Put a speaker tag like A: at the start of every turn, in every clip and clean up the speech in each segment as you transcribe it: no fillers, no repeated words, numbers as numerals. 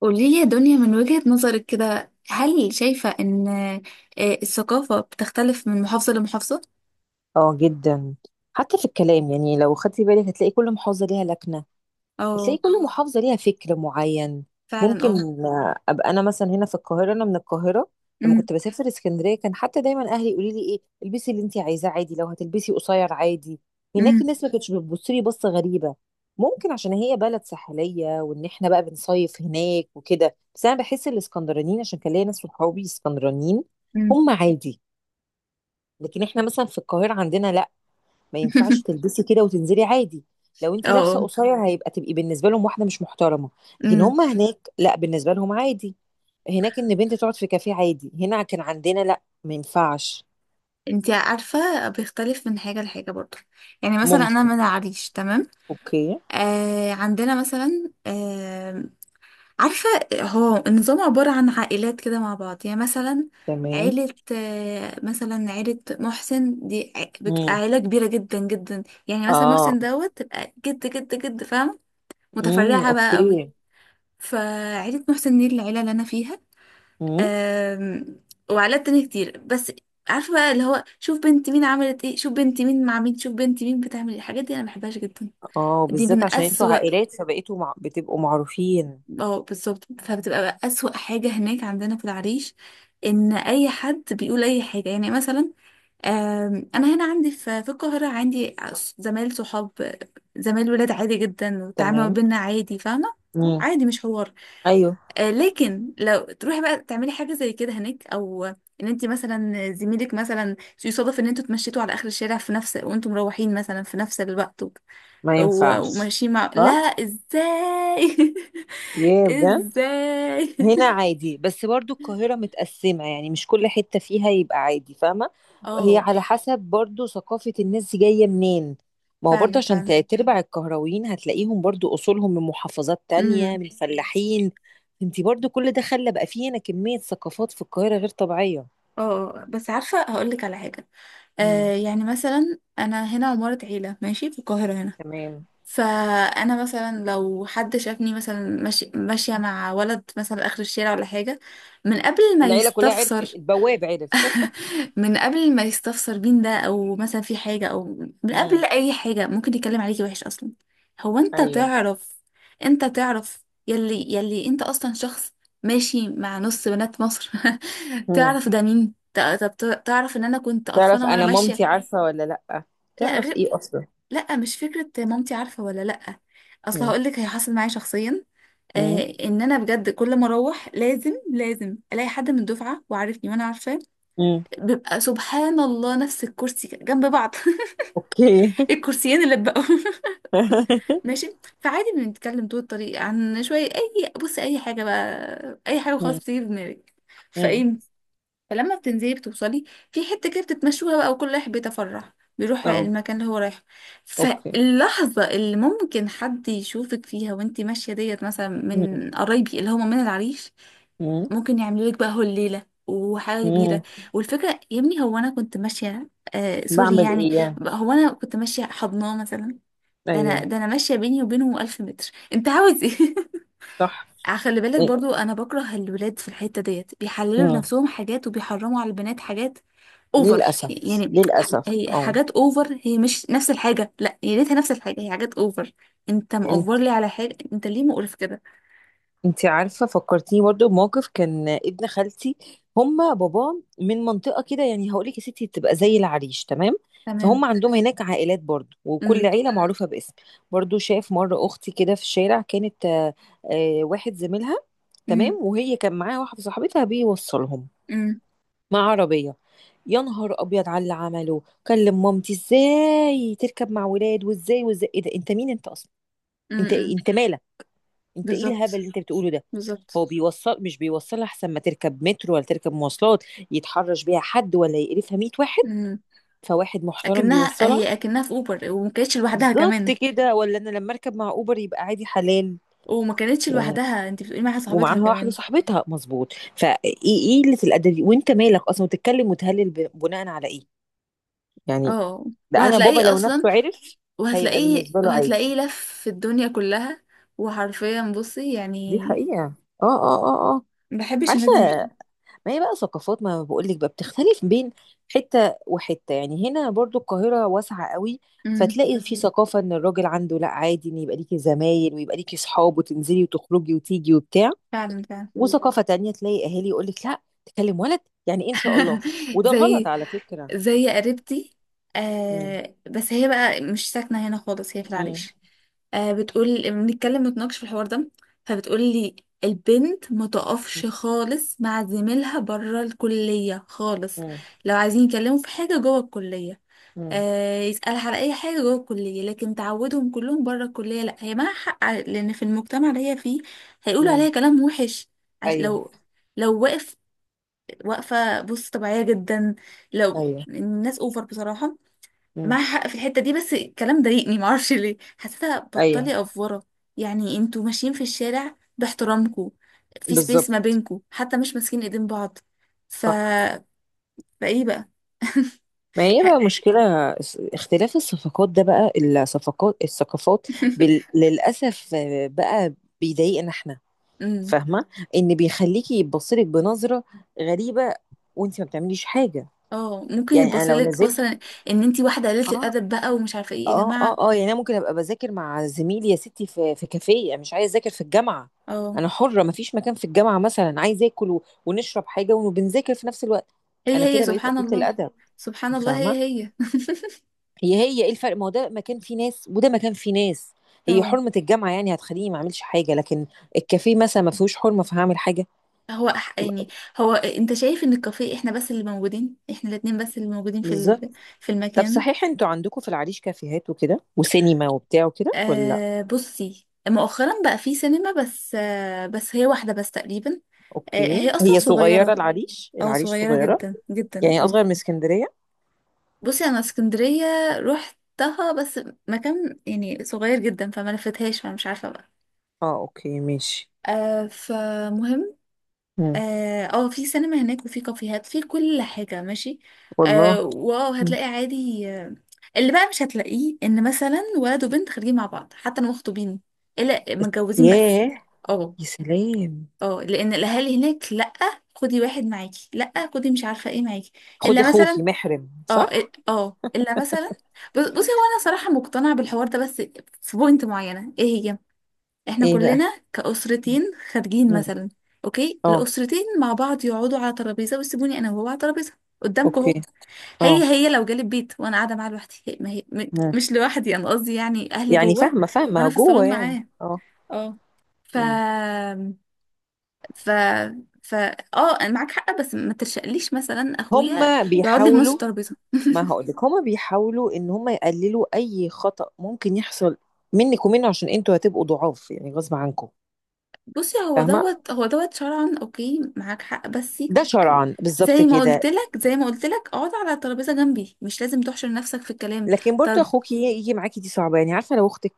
A: قولي لي يا دنيا من وجهة نظرك كده، هل شايفة ان الثقافة بتختلف من محافظة لمحافظة؟
B: اه جدا. حتى في الكلام يعني لو خدتي بالك هتلاقي كل محافظة ليها لكنة. هتلاقي
A: اه
B: كل محافظة ليها فكر معين
A: فعلا
B: ممكن.
A: اه.
B: ابقى انا مثلا هنا في القاهرة، انا من القاهرة. لما
A: امم.
B: كنت بسافر اسكندرية كان حتى دايما اهلي يقولوا لي ايه، البسي اللي انت عايزاه عادي، لو هتلبسي قصير عادي. هناك
A: امم.
B: الناس ما كانتش بتبص لي بصة غريبة. ممكن عشان هي بلد ساحلية، وان احنا بقى بنصيف هناك وكده، بس انا بحس الاسكندرانيين، عشان كان ليا ناس صحابي اسكندرانيين،
A: امم.
B: هم عادي. لكن احنا مثلا في القاهرة عندنا لا، ما ينفعش تلبسي كده وتنزلي عادي. لو انت
A: اه
B: لابسه
A: اه.
B: قصير هيبقى تبقي بالنسبه لهم واحده مش محترمه. لكن
A: امم.
B: هم هناك لا، بالنسبه لهم عادي. هناك ان بنت تقعد في كافيه عادي، هنا كان عندنا لا، ما ينفعش.
A: انتي عارفة بيختلف من حاجة لحاجة برضه، يعني مثلا انا
B: ممكن.
A: من العريش، تمام.
B: اوكي.
A: آه عندنا مثلا عارفة، هو النظام عبارة عن عائلات كده مع بعض. يعني مثلا
B: تمام.
A: عيلة مثلا عيلة محسن دي بتبقى
B: امم.
A: عيلة كبيرة جدا جدا. يعني مثلا
B: اه.
A: محسن دوت تبقى جد جد جد، فاهم.
B: امم.
A: متفرعة بقى قوي.
B: اوكي.
A: فعيلة محسن دي العيلة اللي أنا فيها.
B: امم.
A: آم، وعائلات تانية كتير، بس عارفة بقى اللي هو شوف بنت مين عملت ايه، شوف بنت مين مع مين، شوف بنت مين بتعمل ايه. الحاجات دي أنا مبحبهاش جدا.
B: اه
A: دي
B: بالذات
A: من
B: عشان انتوا
A: أسوأ.
B: عائلات فبقيتوا بتبقوا معروفين.
A: اه بالظبط، فبتبقى بقى أسوأ حاجة هناك عندنا في العريش، إن أي حد بيقول أي حاجة. يعني مثلا، أنا هنا عندي في القاهرة عندي زمايل صحاب، زمايل ولاد، عادي جدا والتعامل ما
B: تمام.
A: بينا عادي، فاهمة.
B: امم.
A: عادي، مش حوار.
B: ايوه.
A: لكن لو تروحي بقى تعملي حاجة زي كده هناك، أو إن أنت مثلا زميلك مثلا يصادف إن أنتوا اتمشيتوا على آخر الشارع في نفس وأنتوا مروحين مثلا في نفس الوقت
B: ما ينفعش.
A: وماشيين مع، لا
B: صح.
A: ازاي.
B: ياه بجد.
A: ازاي.
B: هنا عادي، بس برضو القاهرة متقسمة يعني، مش كل حتة فيها يبقى عادي، فاهمة؟ هي
A: اه
B: على حسب برضو ثقافة الناس دي جاية منين. ما هو برضو
A: فعلا
B: عشان
A: فعلا.
B: تربع القهراويين هتلاقيهم برضو أصولهم من محافظات تانية،
A: امم.
B: من فلاحين. انتي برضو كل ده خلى بقى فيه هنا كمية ثقافات في القاهرة غير طبيعية.
A: اه بس عارفه هقول لك على حاجه.
B: امم.
A: آه يعني مثلا انا هنا عماره عيله ماشي في القاهره هنا،
B: تمام.
A: فانا مثلا لو حد شافني مثلا ماشي ماشيه مع ولد مثلا اخر الشارع ولا حاجه، من قبل ما
B: العيلة كلها عرفت،
A: يستفسر.
B: البواب عرف.
A: من قبل ما يستفسر بين ده او مثلا في حاجة او من قبل
B: امم.
A: اي حاجة، ممكن يتكلم عليكي وحش اصلا. هو انت
B: ايوه.
A: تعرف، انت تعرف يلي انت اصلا شخص ماشي مع نص بنات مصر.
B: امم.
A: تعرف ده مين؟ تعرف ان انا كنت
B: تعرف
A: قرفانة وانا
B: انا
A: ماشية.
B: مامتي عارفة ولا لأ،
A: لا
B: تعرف
A: غير،
B: ايه اصلا.
A: لا مش فكرة مامتي عارفة ولا لا. اصل
B: امم.
A: هقولك هي، حصل معايا شخصيا.
B: امم.
A: آه ان انا بجد كل ما اروح لازم لازم الاقي حد من الدفعة وعارفني وانا عارفاه.
B: امم.
A: بيبقى سبحان الله نفس الكرسي جنب بعض.
B: اوكي.
A: الكرسيين اللي بقوا. ماشي، فعادي بنتكلم طول الطريق عن شوية، أي بص، أي حاجة بقى، أي حاجة خلاص
B: مم.
A: بتيجي في دماغك.
B: مم.
A: فإيه، فلما بتنزلي بتوصلي في حتة كده بتتمشوها بقى، وكل واحد بيتفرح بيروح
B: اه.
A: المكان اللي هو رايحه.
B: اوكي.
A: فاللحظة اللي ممكن حد يشوفك فيها وانتي ماشية ديت مثلا
B: مم.
A: من قرايبي اللي هما من العريش،
B: مم.
A: ممكن يعملوا لك بقى هول ليله وحاجه كبيره.
B: مم.
A: والفكره يا ابني هو انا كنت ماشيه، آه سوري.
B: بعمل
A: يعني
B: ايه يعني.
A: هو انا كنت ماشيه حضناه مثلا؟ ده انا
B: ايوه.
A: ده انا ماشيه بيني وبينه 1000 متر. انت عاوز ايه؟
B: صح.
A: خلي بالك
B: إيه.
A: برضو انا بكره الولاد في الحته ديت، بيحللوا
B: مم.
A: لنفسهم حاجات وبيحرموا على البنات حاجات. اوفر.
B: للاسف.
A: يعني
B: للاسف
A: هي
B: اه.
A: حاجات اوفر، هي مش نفس الحاجه، لا هي ليتها نفس الحاجه، هي حاجات اوفر. انت مأوفر
B: انت.
A: لي على حاجه؟ انت ليه مقرف كده؟
B: انت عارفه، فكرتيني برضو بموقف كان ابن خالتي. هما بابا من منطقه كده يعني، هقول لك يا ستي تبقى زي العريش تمام. فهم
A: تمام.
B: عندهم هناك عائلات برضو، وكل
A: امم.
B: عيله معروفه باسم. برضو شاف مره اختي كده في الشارع، كانت واحد زميلها، تمام،
A: امم.
B: وهي كان معاها واحده صاحبتها بيوصلهم
A: امم.
B: مع عربية. يا نهار ابيض على اللي عمله! كلم مامتي، ازاي تركب مع ولاد، وازاي وازاي، ايه ده، انت مين انت اصلا، انت إيه؟
A: امم.
B: انت مالك، انت ايه الهبل
A: بالظبط.
B: اللي انت بتقوله ده.
A: بالظبط.
B: هو بيوصل مش بيوصل، احسن ما تركب مترو ولا تركب مواصلات يتحرش بيها حد ولا يقرفها 100 واحد،
A: امم.
B: فواحد محترم
A: اكنها
B: بيوصلها.
A: هي، اكنها في اوبر، وما كانتش لوحدها
B: بالظبط
A: كمان.
B: كده، ولا انا لما اركب مع اوبر يبقى عادي حلال
A: وما كانتش
B: يعني.
A: لوحدها، انت بتقولي معاها صاحبتها
B: ومعاها واحده
A: كمان.
B: صاحبتها، مظبوط، فايه؟ ايه قله الادب دي؟ وانت مالك اصلا، وتتكلم وتهلل بناء على ايه يعني.
A: اه
B: ده انا بابا
A: وهتلاقيه
B: لو
A: اصلا،
B: نفسه عرف هيبقى
A: وهتلاقيه،
B: بالنسبه له عادي.
A: وهتلاقيه لف في الدنيا كلها. وحرفيا بصي،
B: دي
A: يعني
B: حقيقه. اه اه اه اه.
A: ما بحبش الناس
B: عارفه،
A: دي.
B: ما هي بقى ثقافات، ما بقول لك بقى بتختلف بين حته وحته يعني. هنا برضو القاهره واسعه قوي،
A: امم
B: فتلاقي في ثقافه ان الراجل عنده لا عادي، ان يبقى ليكي زمايل ويبقى ليكي صحاب، وتنزلي وتخرجي وتيجي وبتاع.
A: فعلا فعلا.
B: وثقافه تانية تلاقي اهالي يقول لك لا تكلم ولد، يعني ايه ان شاء الله، وده غلط
A: زي،
B: على فكره.
A: زي قريبتي.
B: امم.
A: آه بس هي بقى مش ساكنة هنا خالص، هي في
B: امم.
A: العريش. آه بتقول بنتكلم نتناقش في الحوار ده، فبتقول لي البنت ما تقفش خالص مع زميلها بره الكلية خالص.
B: امم.
A: لو عايزين يتكلموا في حاجة جوه الكلية، آه يسألها على أي حاجة جوه الكلية، لكن تعودهم كلهم بره الكلية لا. هي معاها حق لأن في المجتمع اللي هي فيه هيقولوا عليها
B: امم.
A: كلام وحش.
B: ايوه.
A: لو، لو واقف، واقفة بص طبيعية جدا. لو
B: ايوه.
A: الناس اوفر بصراحة،
B: امم.
A: معاها حق في الحتة دي. بس الكلام ضايقني، معرفش ليه، حسيتها
B: ايوه.
A: بطلي افورة. يعني انتوا ماشيين في الشارع باحترامكم، في سبيس ما
B: بالظبط.
A: بينكم، حتى مش ماسكين ايدين بعض. ف
B: صح.
A: فايه بقى.
B: ما هي بقى
A: الحق.
B: مشكلة اختلاف الصفقات ده بقى، الصفقات، الثقافات. للأسف بقى بيضايقنا احنا،
A: أمم.
B: فاهمة؟ ان بيخليكي يبصلك بنظرة غريبة وانت ما بتعمليش حاجة.
A: اه ممكن
B: يعني انا لو
A: يتبصلك
B: نزلت.
A: بصلا ان انتي واحدة قليلة
B: اه.
A: الادب بقى، ومش عارفة ايه يا
B: اه اه
A: جماعة.
B: اه. يعني انا ممكن ابقى بذاكر مع زميلي يا ستي في كافيه، أنا مش عايزة اذاكر في الجامعة،
A: اه،
B: انا حرة، ما فيش مكان في الجامعة، مثلا عايزة اكل ونشرب حاجة وبنذاكر في نفس الوقت، انا
A: هي هي
B: كده بقيت
A: سبحان
B: قلة
A: الله.
B: الادب،
A: سبحان الله
B: فاهمة؟
A: هي هي.
B: هي هي، ايه الفرق؟ ما هو ده مكان فيه ناس وده مكان فيه ناس. هي
A: اه.
B: حرمة الجامعة يعني هتخليني ما اعملش حاجة، لكن الكافيه مثلا ما فيهوش حرمة فهعمل حاجة.
A: هو يعني هو انت شايف ان الكافيه احنا بس اللي موجودين، احنا الاتنين بس اللي موجودين
B: بالظبط.
A: في
B: طب
A: المكان؟
B: صحيح انتوا عندكم في العريش كافيهات وكده وسينما وبتاع وكده ولا لأ؟
A: آه بصي، مؤخرا بقى في سينما، بس آه بس هي واحدة بس تقريبا. آه هي
B: اوكي،
A: اصلا
B: هي صغيرة
A: صغيرة.
B: العريش،
A: اه
B: العريش
A: صغيرة
B: صغيرة
A: جدا جدا
B: يعني،
A: اه.
B: اصغر من اسكندرية.
A: بصي انا اسكندرية روحتها بس، مكان يعني صغير جدا، فما لفتهاش، فمش عارفة بقى.
B: اه اوكي ماشي.
A: آه فمهم.
B: مم.
A: اه في سينما هناك وفي كافيهات، في كل حاجة، ماشي.
B: والله.
A: آه واو،
B: مم.
A: هتلاقي عادي. اللي بقى مش هتلاقيه ان مثلا ولد وبنت خارجين مع بعض، حتى لو مخطوبين، الا متجوزين بس.
B: ياه.
A: اه
B: يا سلام.
A: اه، لان الاهالي هناك لا، خدي واحد معاكي، لا خدي مش عارفة ايه معاكي.
B: خدي
A: الا مثلا،
B: اخوكي محرم،
A: اه.
B: صح.
A: اه الا مثلا، بصي هو انا صراحة مقتنعة بالحوار ده، بس في بوينت معينة، ايه هي؟ احنا
B: ايه بقى.
A: كلنا كأسرتين خارجين
B: مم.
A: مثلا، اوكي
B: اه.
A: الأسرتين مع بعض يقعدوا على ترابيزة ويسيبوني انا وهو على ترابيزة قدامكم
B: اوكي.
A: اهو.
B: اه.
A: هي هي، لو جالي البيت وانا قاعدة معاه لوحدي، هي ما هي
B: مم.
A: مش لوحدي، انا قصدي يعني اهلي
B: يعني
A: جوه
B: فاهمة، فاهمة،
A: وانا في
B: جوه
A: الصالون
B: يعني.
A: معاه.
B: اه.
A: اه. ف
B: مم.
A: ف ف اه انا معاك حق، بس ما ترشقليش مثلا اخويا
B: هما
A: يقعد لي في نص
B: بيحاولوا.
A: الترابيزة.
B: ما هقولك، هما بيحاولوا ان هما يقللوا اي خطأ ممكن يحصل منك ومنه، عشان انتوا هتبقوا ضعاف يعني غصب عنكم،
A: بصي هو
B: فاهمة؟
A: دوت هو دوت شرعا اوكي معاك حق، بس
B: ده شرعا بالظبط
A: زي ما
B: كده.
A: قلت لك زي ما قلت لك اقعد على الترابيزه جنبي، مش لازم تحشر نفسك في الكلام.
B: لكن برضو
A: طب،
B: اخوكي يجي معاكي دي صعبة يعني، عارفة؟ لو اختك،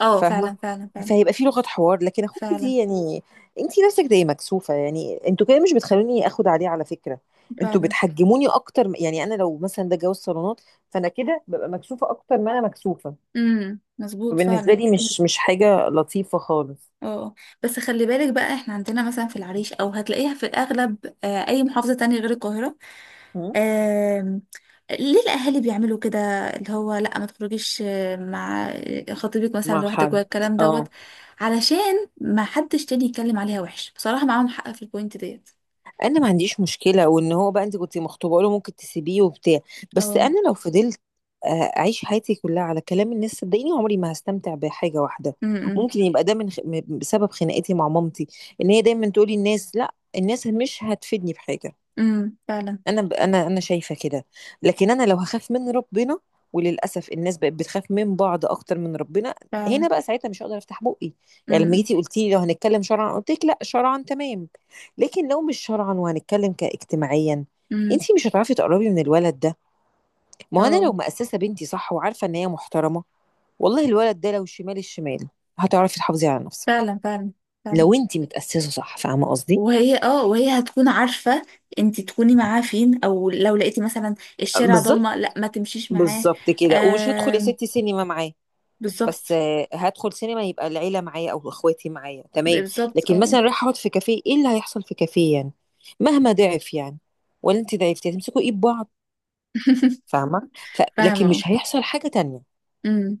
A: اه
B: فاهمه،
A: فعلا فعلا فعلا.
B: فهيبقى في لغه حوار، لكن اخوكي
A: فعلا.
B: دي يعني، انتي نفسك زي مكسوفه يعني. انتوا كده مش بتخلوني اخد عليه على فكره، انتوا
A: فعلا.
B: بتحجموني اكتر يعني انا لو مثلا ده جواز صالونات، فانا كده ببقى مكسوفه اكتر ما انا مكسوفه.
A: مظبوط
B: فبالنسبه
A: فعلا.
B: لي مش حاجه لطيفه خالص.
A: اه بس خلي بالك بقى، احنا عندنا مثلا في العريش او هتلاقيها في الاغلب آه اي محافظه تانية غير القاهره،
B: م؟
A: آم، ليه الاهالي بيعملوا كده؟ اللي هو لا ما تخرجيش مع خطيبك مثلا
B: مع
A: لوحدك
B: حد.
A: والكلام دوت،
B: اه.
A: علشان ما حدش تاني يتكلم عليها وحش. بصراحه معاهم حق في البوينت ديت.
B: انا ما عنديش مشكله، وان هو بقى انت كنت مخطوبه له ممكن تسيبيه وبتاع. بس
A: اه.
B: انا لو فضلت آه، اعيش حياتي كلها على كلام الناس صدقيني عمري ما هستمتع بحاجه واحده.
A: امم، امم.
B: ممكن يبقى ده من بسبب خناقتي مع مامتي، ان هي دايما تقولي الناس. لا، الناس مش هتفيدني بحاجه.
A: فعلا
B: انا شايفه كده. لكن انا لو هخاف من ربنا، وللاسف الناس بقت بتخاف من بعض اكتر من ربنا، هنا
A: فعلا.
B: بقى ساعتها مش هقدر افتح بقي. يعني لما
A: امم.
B: جيتي قلتي لي لو هنتكلم شرعا، قلت لك لا شرعا تمام، لكن لو مش شرعا وهنتكلم كاجتماعيا،
A: امم.
B: انتي مش هتعرفي تقربي من الولد ده. ما هو انا
A: اه
B: لو مأسسه بنتي صح، وعارفه ان هي محترمه، والله الولد ده لو شمال الشمال هتعرفي تحافظي على نفسك،
A: فعلا فعلا فعلا.
B: لو انتي متأسسه صح، فاهمه قصدي؟
A: وهي اه وهي هتكون عارفة انت تكوني معاه فين، او لو لقيتي مثلا الشارع ضلمة
B: بالظبط.
A: لا ما تمشيش معاه.
B: بالظبط كده. ومش هدخل يا
A: آه،
B: ستي سينما معاه، بس
A: بالظبط.
B: هدخل سينما يبقى العيلة معايا أو إخواتي معايا، تمام.
A: بالظبط
B: لكن
A: اه.
B: مثلا رايح أقعد في كافيه، إيه اللي هيحصل في كافيه يعني؟ مهما ضعف يعني، ولا أنت ضعفتي، هتمسكوا إيد بعض، فاهمة؟
A: فاهمة
B: لكن
A: اه.
B: مش هيحصل حاجة تانية.
A: امم.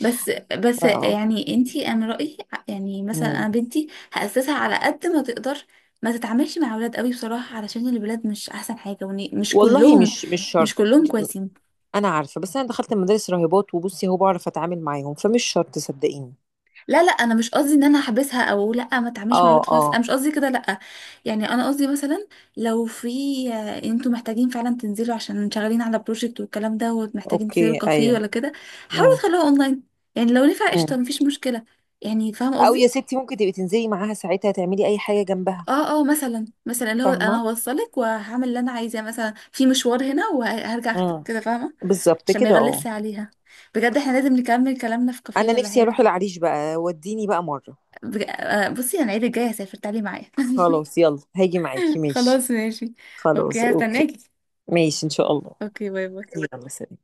A: بس بس
B: اه.
A: يعني انت، انا رأيي يعني مثلا
B: مم.
A: انا بنتي هأسسها على قد ما تقدر ما تتعاملش مع اولاد قوي، بصراحة علشان الولاد مش احسن حاجة، ومش
B: والله
A: كلهم،
B: مش
A: مش
B: شرط.
A: كلهم كويسين.
B: أنا عارفة، بس أنا دخلت مدارس راهبات، وبصي هو بعرف أتعامل معاهم، فمش شرط صدقيني.
A: لا لا انا مش قصدي ان انا هحبسها او لا ما تعملش مع
B: اه.
A: الولاد خالص، انا
B: اه.
A: مش قصدي كده لا. يعني انا قصدي مثلا، لو في انتوا محتاجين فعلا تنزلوا عشان شغالين على بروجكت والكلام ده، ومحتاجين تنزلوا
B: اوكي.
A: كافيه
B: ايوه.
A: ولا كده، حاولوا
B: مم.
A: تخلوها اونلاين. يعني لو نفع قشطه،
B: مم.
A: مفيش مشكله، يعني فاهمه
B: او يا
A: قصدي.
B: ستي ممكن تبقي تنزلي معاها ساعتها تعملي اي حاجه جنبها.
A: اه اه، مثلا مثلا اللي هو انا
B: فاهمه.
A: هوصلك وهعمل اللي انا عايزاه مثلا في مشوار هنا وهرجع
B: مم.
A: كده، فاهمه،
B: بالظبط
A: عشان ما
B: كده اه.
A: يغلسش عليها. بجد احنا لازم نكمل كلامنا في كافيه
B: انا
A: ولا
B: نفسي اروح
A: حاجه.
B: العريش بقى وديني بقى مرة.
A: آه، بصي انا العيد الجاي هسافر، تعالي معايا.
B: خلاص يلا، هاجي معاكي، ماشي.
A: خلاص ماشي.
B: خلاص
A: اوكي
B: اوكي.
A: هستناكي.
B: ماشي ان شاء الله.
A: اوكي باي باي.
B: يلا سلام.